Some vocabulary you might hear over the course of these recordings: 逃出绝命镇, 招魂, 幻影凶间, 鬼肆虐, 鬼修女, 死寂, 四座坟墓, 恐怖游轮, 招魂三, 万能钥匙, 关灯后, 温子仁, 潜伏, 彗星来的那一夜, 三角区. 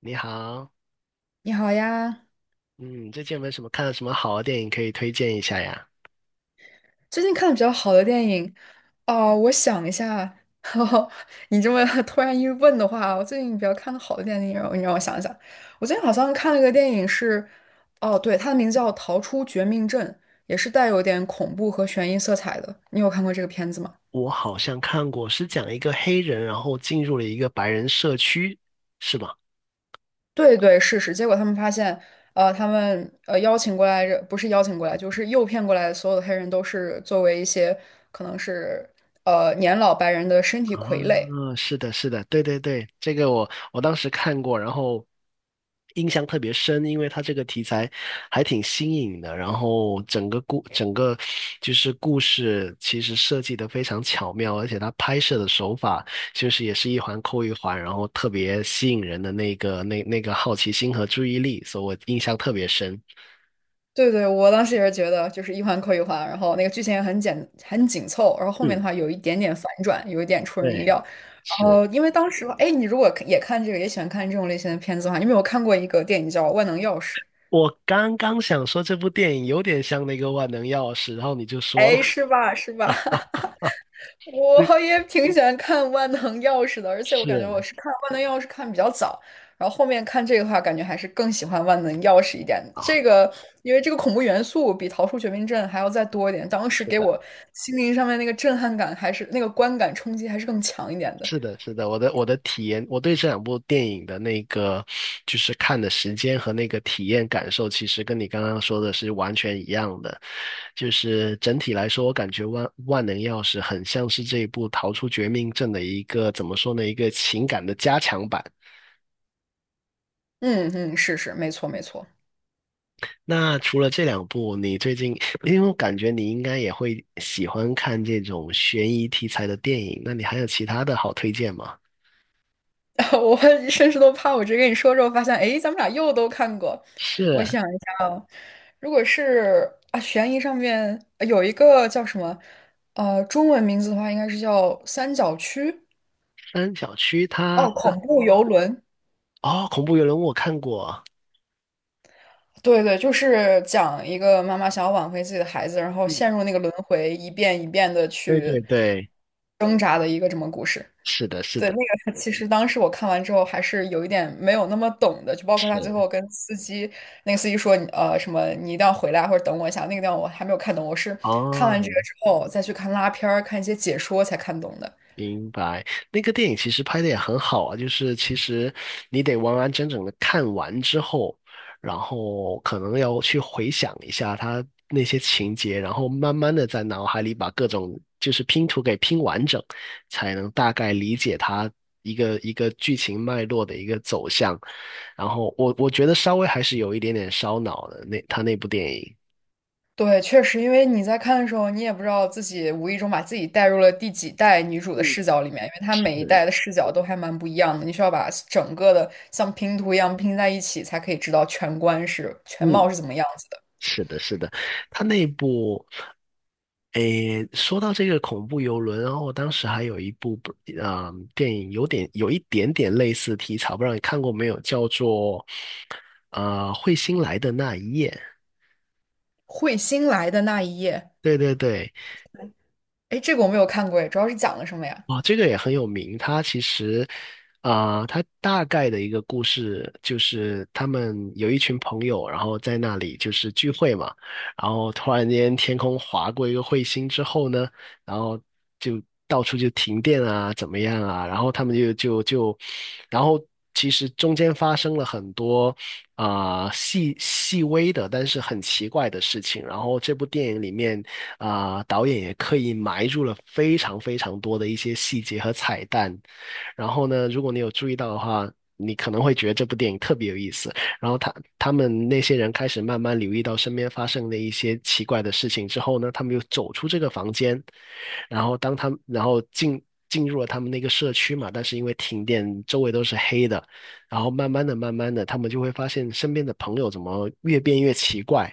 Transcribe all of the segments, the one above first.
你好。你好呀，嗯，最近有没有什么看了什么好的电影可以推荐一下呀？最近看的比较好的电影，哦，我想一下，哦你这么 突然一问的话，我最近比较看的好的电影，你让我想一想，我最近好像看了个电影是，哦，对，它的名字叫《逃出绝命镇》，也是带有点恐怖和悬疑色彩的。你有看过这个片子吗？我好像看过，是讲一个黑人，然后进入了一个白人社区，是吗？对对，是是。结果他们发现，他们邀请过来，不是邀请过来，就是诱骗过来的所有的黑人都是作为一些可能是年老白人的身体傀儡。啊，是的，是的，对对对，这个我当时看过，然后印象特别深，因为它这个题材还挺新颖的，然后整个就是故事其实设计的非常巧妙，而且它拍摄的手法就是也是一环扣一环，然后特别吸引人的那个那个好奇心和注意力，所以我印象特别深。对对，我当时也是觉得就是一环扣一环，然后那个剧情也很简很紧凑，然后后面嗯，的话有一点点反转，有一点出人意料。对，然是。后因为当时，哎，你如果也看这个，也喜欢看这种类型的片子的话，你有没有看过一个电影叫《万能钥匙》？我刚刚想说这部电影有点像那个《万能钥匙》，然后你就说了。哎，是吧？是吧？我也挺喜欢看《万能钥匙》的，而且我感觉我是是看《万能钥匙》看比较早，然后后面看这个的话，感觉还是更喜欢《万能钥匙》一点。啊，这个因为这个恐怖元素比《逃出绝命镇》还要再多一点，当时是给的，我心灵上面那个震撼感，还是那个观感冲击还是更强一点的。是的。是的，我的体验，我对这两部电影的那个就是看的时间和那个体验感受，其实跟你刚刚说的是完全一样的。就是整体来说，我感觉万能钥匙很像是这一部《逃出绝命镇》的一个怎么说呢，一个情感的加强版。嗯嗯，是是，没错没错。那除了这两部，你最近，因为我感觉你应该也会喜欢看这种悬疑题材的电影，那你还有其他的好推荐吗？我甚至都怕我直接跟你说之后发现，诶，咱们俩又都看过。我是，想一下啊，如果是啊，悬疑上面有一个叫什么，呃，中文名字的话应该是叫《三角区》三角区它哦，那。恐怖游轮。哦，恐怖游轮我看过。对对，就是讲一个妈妈想要挽回自己的孩子，然后陷嗯，入那个轮回，一遍一遍的对去对对，挣扎的一个这么故事。是的，是对，那的，个其实当时我看完之后还是有一点没有那么懂的，就包括他最是。后跟司机，那个司机说，什么你一定要回来或者等我一下，那个地方我还没有看懂，我是看完这哦，个之后再去看拉片儿、看一些解说才看懂的。明白。那个电影其实拍的也很好啊，就是其实你得完完整整的看完之后，然后可能要去回想一下它那些情节，然后慢慢的在脑海里把各种就是拼图给拼完整，才能大概理解它一个一个剧情脉络的一个走向。然后我觉得稍微还是有一点点烧脑的，那他那部电影。对，确实，因为你在看的时候，你也不知道自己无意中把自己带入了第几代女主的嗯，视角里面，因为她每一代是。的视角都还蛮不一样的，你需要把整个的像拼图一样拼在一起，才可以知道全观是全嗯，貌是怎么样子的。是的，是的，他那部，诶，说到这个恐怖游轮，然后我当时还有一部不，啊电影有点有一点点类似题材，不知道你看过没有，叫做，彗星来的那一夜。彗星来的那一夜。对对对。哎，这个我没有看过，哎，主要是讲了什么呀？哦，这个也很有名。它其实，它大概的一个故事就是他们有一群朋友，然后在那里就是聚会嘛，然后突然间天空划过一个彗星之后呢，然后就到处就停电啊，怎么样啊，然后他们就就就，然后其实中间发生了很多细细微的，但是很奇怪的事情。然后这部电影里面导演也刻意埋入了非常非常多的一些细节和彩蛋。然后呢，如果你有注意到的话，你可能会觉得这部电影特别有意思。然后他们那些人开始慢慢留意到身边发生的一些奇怪的事情之后呢，他们又走出这个房间，然后当他们然后进入了他们那个社区嘛，但是因为停电，周围都是黑的，然后慢慢的、慢慢的，他们就会发现身边的朋友怎么越变越奇怪。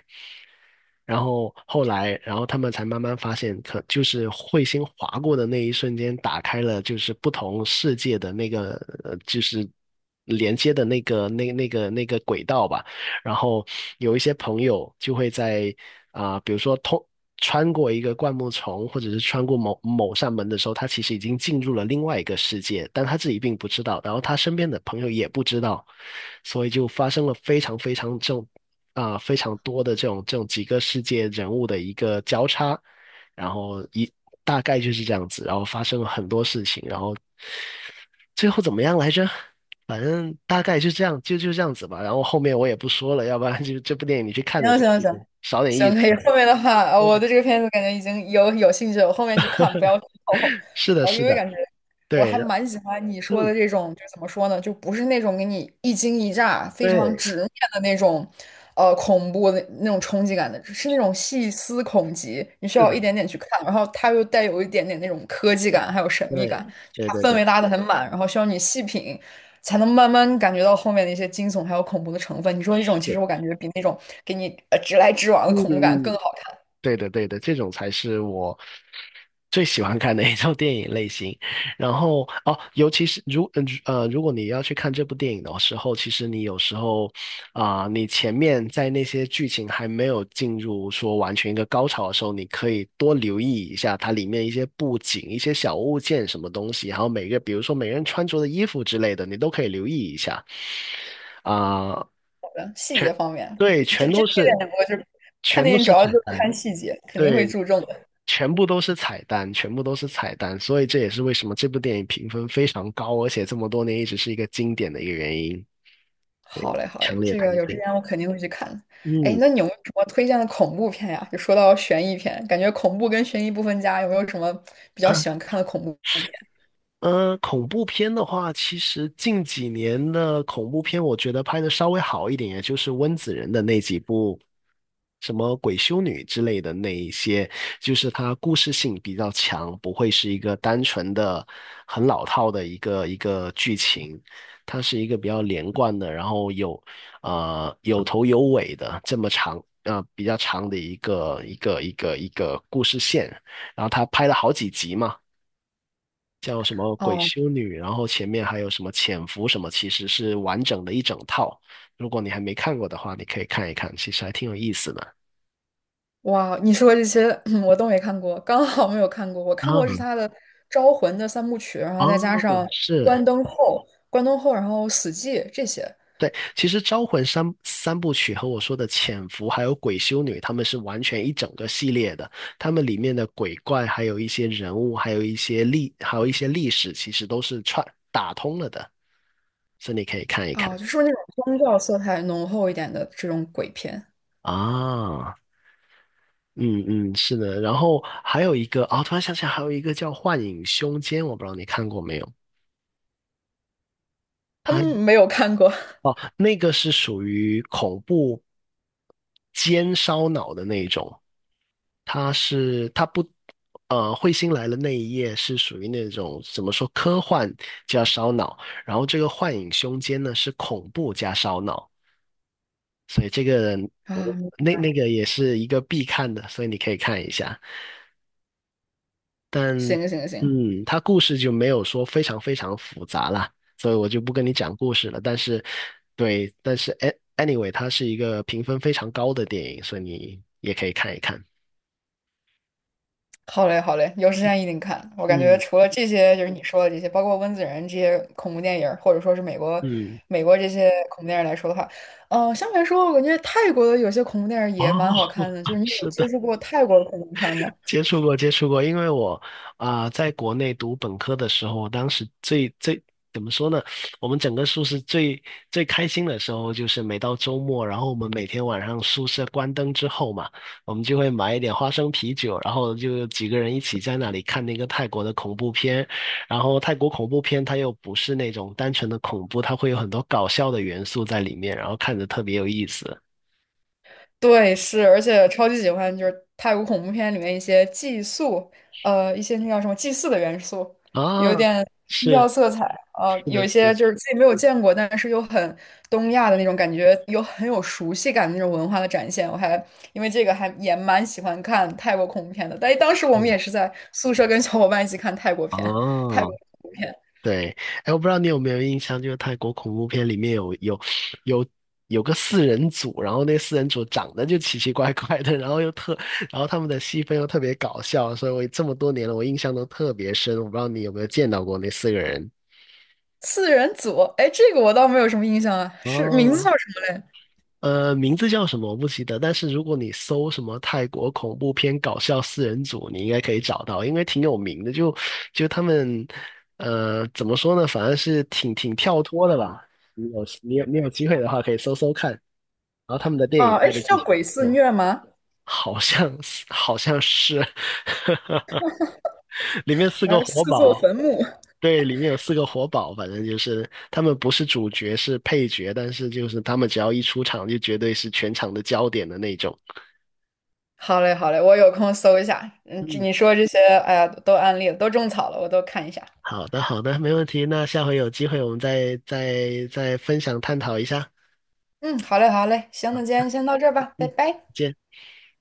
然后后来，然后他们才慢慢发现，可就是彗星划过的那一瞬间，打开了就是不同世界的那个，就是连接的那个那个轨道吧。然后有一些朋友就会在比如说穿过一个灌木丛，或者是穿过某某扇门的时候，他其实已经进入了另外一个世界，但他自己并不知道，然后他身边的朋友也不知道，所以就发生了非常多的这种几个世界人物的一个交叉，然后一大概就是这样子，然后发生了很多事情，然后最后怎么样来着？反正大概就这样，就这样子吧。然后后面我也不说了，要不然就这部电影你去看的行时行候就行，少点意行，思。可以。后面的话，我对，对这个片子感觉已经有兴趣了，我后面去看，不要剧透。是的，然后，是因为的。感觉我对，还然。蛮喜欢你说的嗯，这种，就怎么说呢，就不是那种给你一惊一乍、非常对，直面的那种，呃，恐怖的那种冲击感的，是那种细思恐极，你需是要的，一点点去看，然后它又带有一点点那种科技感，还有神秘感，对，就对对它氛对，围拉的很满，然后需要你细品，才能慢慢感觉到后面的一些惊悚还有恐怖的成分。你说这种，是其实的。我感觉比那种给你直来直往的嗯恐怖感更嗯。好看。对的，对的，这种才是我最喜欢看的一种电影类型。然后哦，尤其是如果你要去看这部电影的时候，其实你有时候你前面在那些剧情还没有进入说完全一个高潮的时候，你可以多留意一下它里面一些布景、一些小物件、什么东西，然后每个比如说每个人穿着的衣服之类的，你都可以留意一下。啊、好觉得细节全方面，对，这这这点我就是看全都电影主是要彩就是蛋。看细节，肯定会对，注重的。全部都是彩蛋，全部都是彩蛋，所以这也是为什么这部电影评分非常高，而且这么多年一直是一个经典的一个原因。好对，嘞，好强嘞，烈这个推有时荐。间我肯定会去看。哎，嗯。那你有没有什么推荐的恐怖片呀？就说到悬疑片，感觉恐怖跟悬疑不分家，有没有什么比 较啊。喜欢看的恐怖片？恐怖片的话，其实近几年的恐怖片，我觉得拍的稍微好一点，也就是温子仁的那几部，什么《鬼修女》之类的那一些，就是它故事性比较强，不会是一个单纯的、很老套的一个剧情，它是一个比较连贯的，然后有有头有尾的这么长比较长的一个故事线，然后它拍了好几集嘛。叫什么《鬼哦，修女》，然后前面还有什么《潜伏》什么，其实是完整的一整套。如果你还没看过的话，你可以看一看，其实还挺有意思的。哇，你说这些 我都没看过，刚好没有看过。我看过是啊，他的《招魂》的三部曲，然后哦，再加上是。《关灯后》、《关灯后》，然后《死寂》这些对，其实《招魂三》三部曲和我说的《潜伏》还有《鬼修女》，他们是完全一整个系列的。他们里面的鬼怪，还有一些人物，还有一些历史，其实都是串打通了的，所以你可以看一看啊，就是那种宗教色彩浓厚一点的这种鬼片。啊。嗯嗯，是的。然后还有一个突然想起来还有一个叫《幻影凶间》，我不知道你看过没有？它嗯，没有看过 哦，那个是属于恐怖烧脑的那一种，它是它不呃，彗星来了那一夜是属于那种怎么说科幻加烧脑，然后这个幻影凶间呢是恐怖加烧脑。哦，啊，那那个也是一个必看的，所以你可以看一下。但行行行，嗯，它故事就没有说非常非常复杂啦，所以我就不跟你讲故事了。但是，对，但是 anyway，它是一个评分非常高的电影，所以你也可以看一看。好嘞，好嘞，有时间一定看。我感觉嗯除了这些，就是你说的这些，包括温子仁这些恐怖电影儿，或者说是嗯，美国这些恐怖电影儿来说的话，嗯，相对来说，我感觉泰国的有些恐怖电影儿哦。也蛮好看的。就是 你有是接的。触过泰国的恐怖片儿吗？接触过，接触过，因为我在国内读本科的时候，我当时怎么说呢？我们整个宿舍最开心的时候，就是每到周末，然后我们每天晚上宿舍关灯之后嘛，我们就会买一点花生啤酒，然后就几个人一起在那里看那个泰国的恐怖片。然后泰国恐怖片它又不是那种单纯的恐怖，它会有很多搞笑的元素在里面，然后看着特别有意思对，是，而且超级喜欢就是泰国恐怖片里面一些寄宿，呃，一些那叫什么祭祀的元素，啊。有点宗教是，色彩，呃，是有的，一是些的，就是自己没有见过，但是又很东亚的那种感觉，有很有熟悉感的那种文化的展现。我还因为这个还也蛮喜欢看泰国恐怖片的，但当时我们也嗯，是在宿舍跟小伙伴一起看泰国片，泰国哦。恐怖片对，哎，我不知道你有没有印象，就是泰国恐怖片里面有有个四人组，然后那四人组长得就奇奇怪怪的，然后又特，然后他们的戏份又特别搞笑，所以我这么多年了，我印象都特别深。我不知道你有没有见到过那四个人。四人组，哎，这个我倒没有什么印象啊，是名字叫哦，什么嘞？名字叫什么我不记得，但是如果你搜什么泰国恐怖片搞笑四人组，你应该可以找到，因为挺有名的。就他们，怎么说呢？反正是挺挺跳脱的吧。你有机会的话，可以搜搜看。然后他们的电影啊，哎，拍的是其叫实也鬼不肆错，虐吗？好像是好像是。里面四个而活四座宝。坟墓。对，里面有四个活宝，反正就是他们不是主角，是配角，但是就是他们只要一出场，就绝对是全场的焦点的那种。好嘞，好嘞，我有空搜一下。嗯，这嗯，你说这些，哎呀，都案例了，都种草了，我都看一下。好的，好的，没问题。那下回有机会我们再分享探讨一下。嗯，好嘞，好嘞，行，那今天先到这儿吧，拜嗯，拜。再见。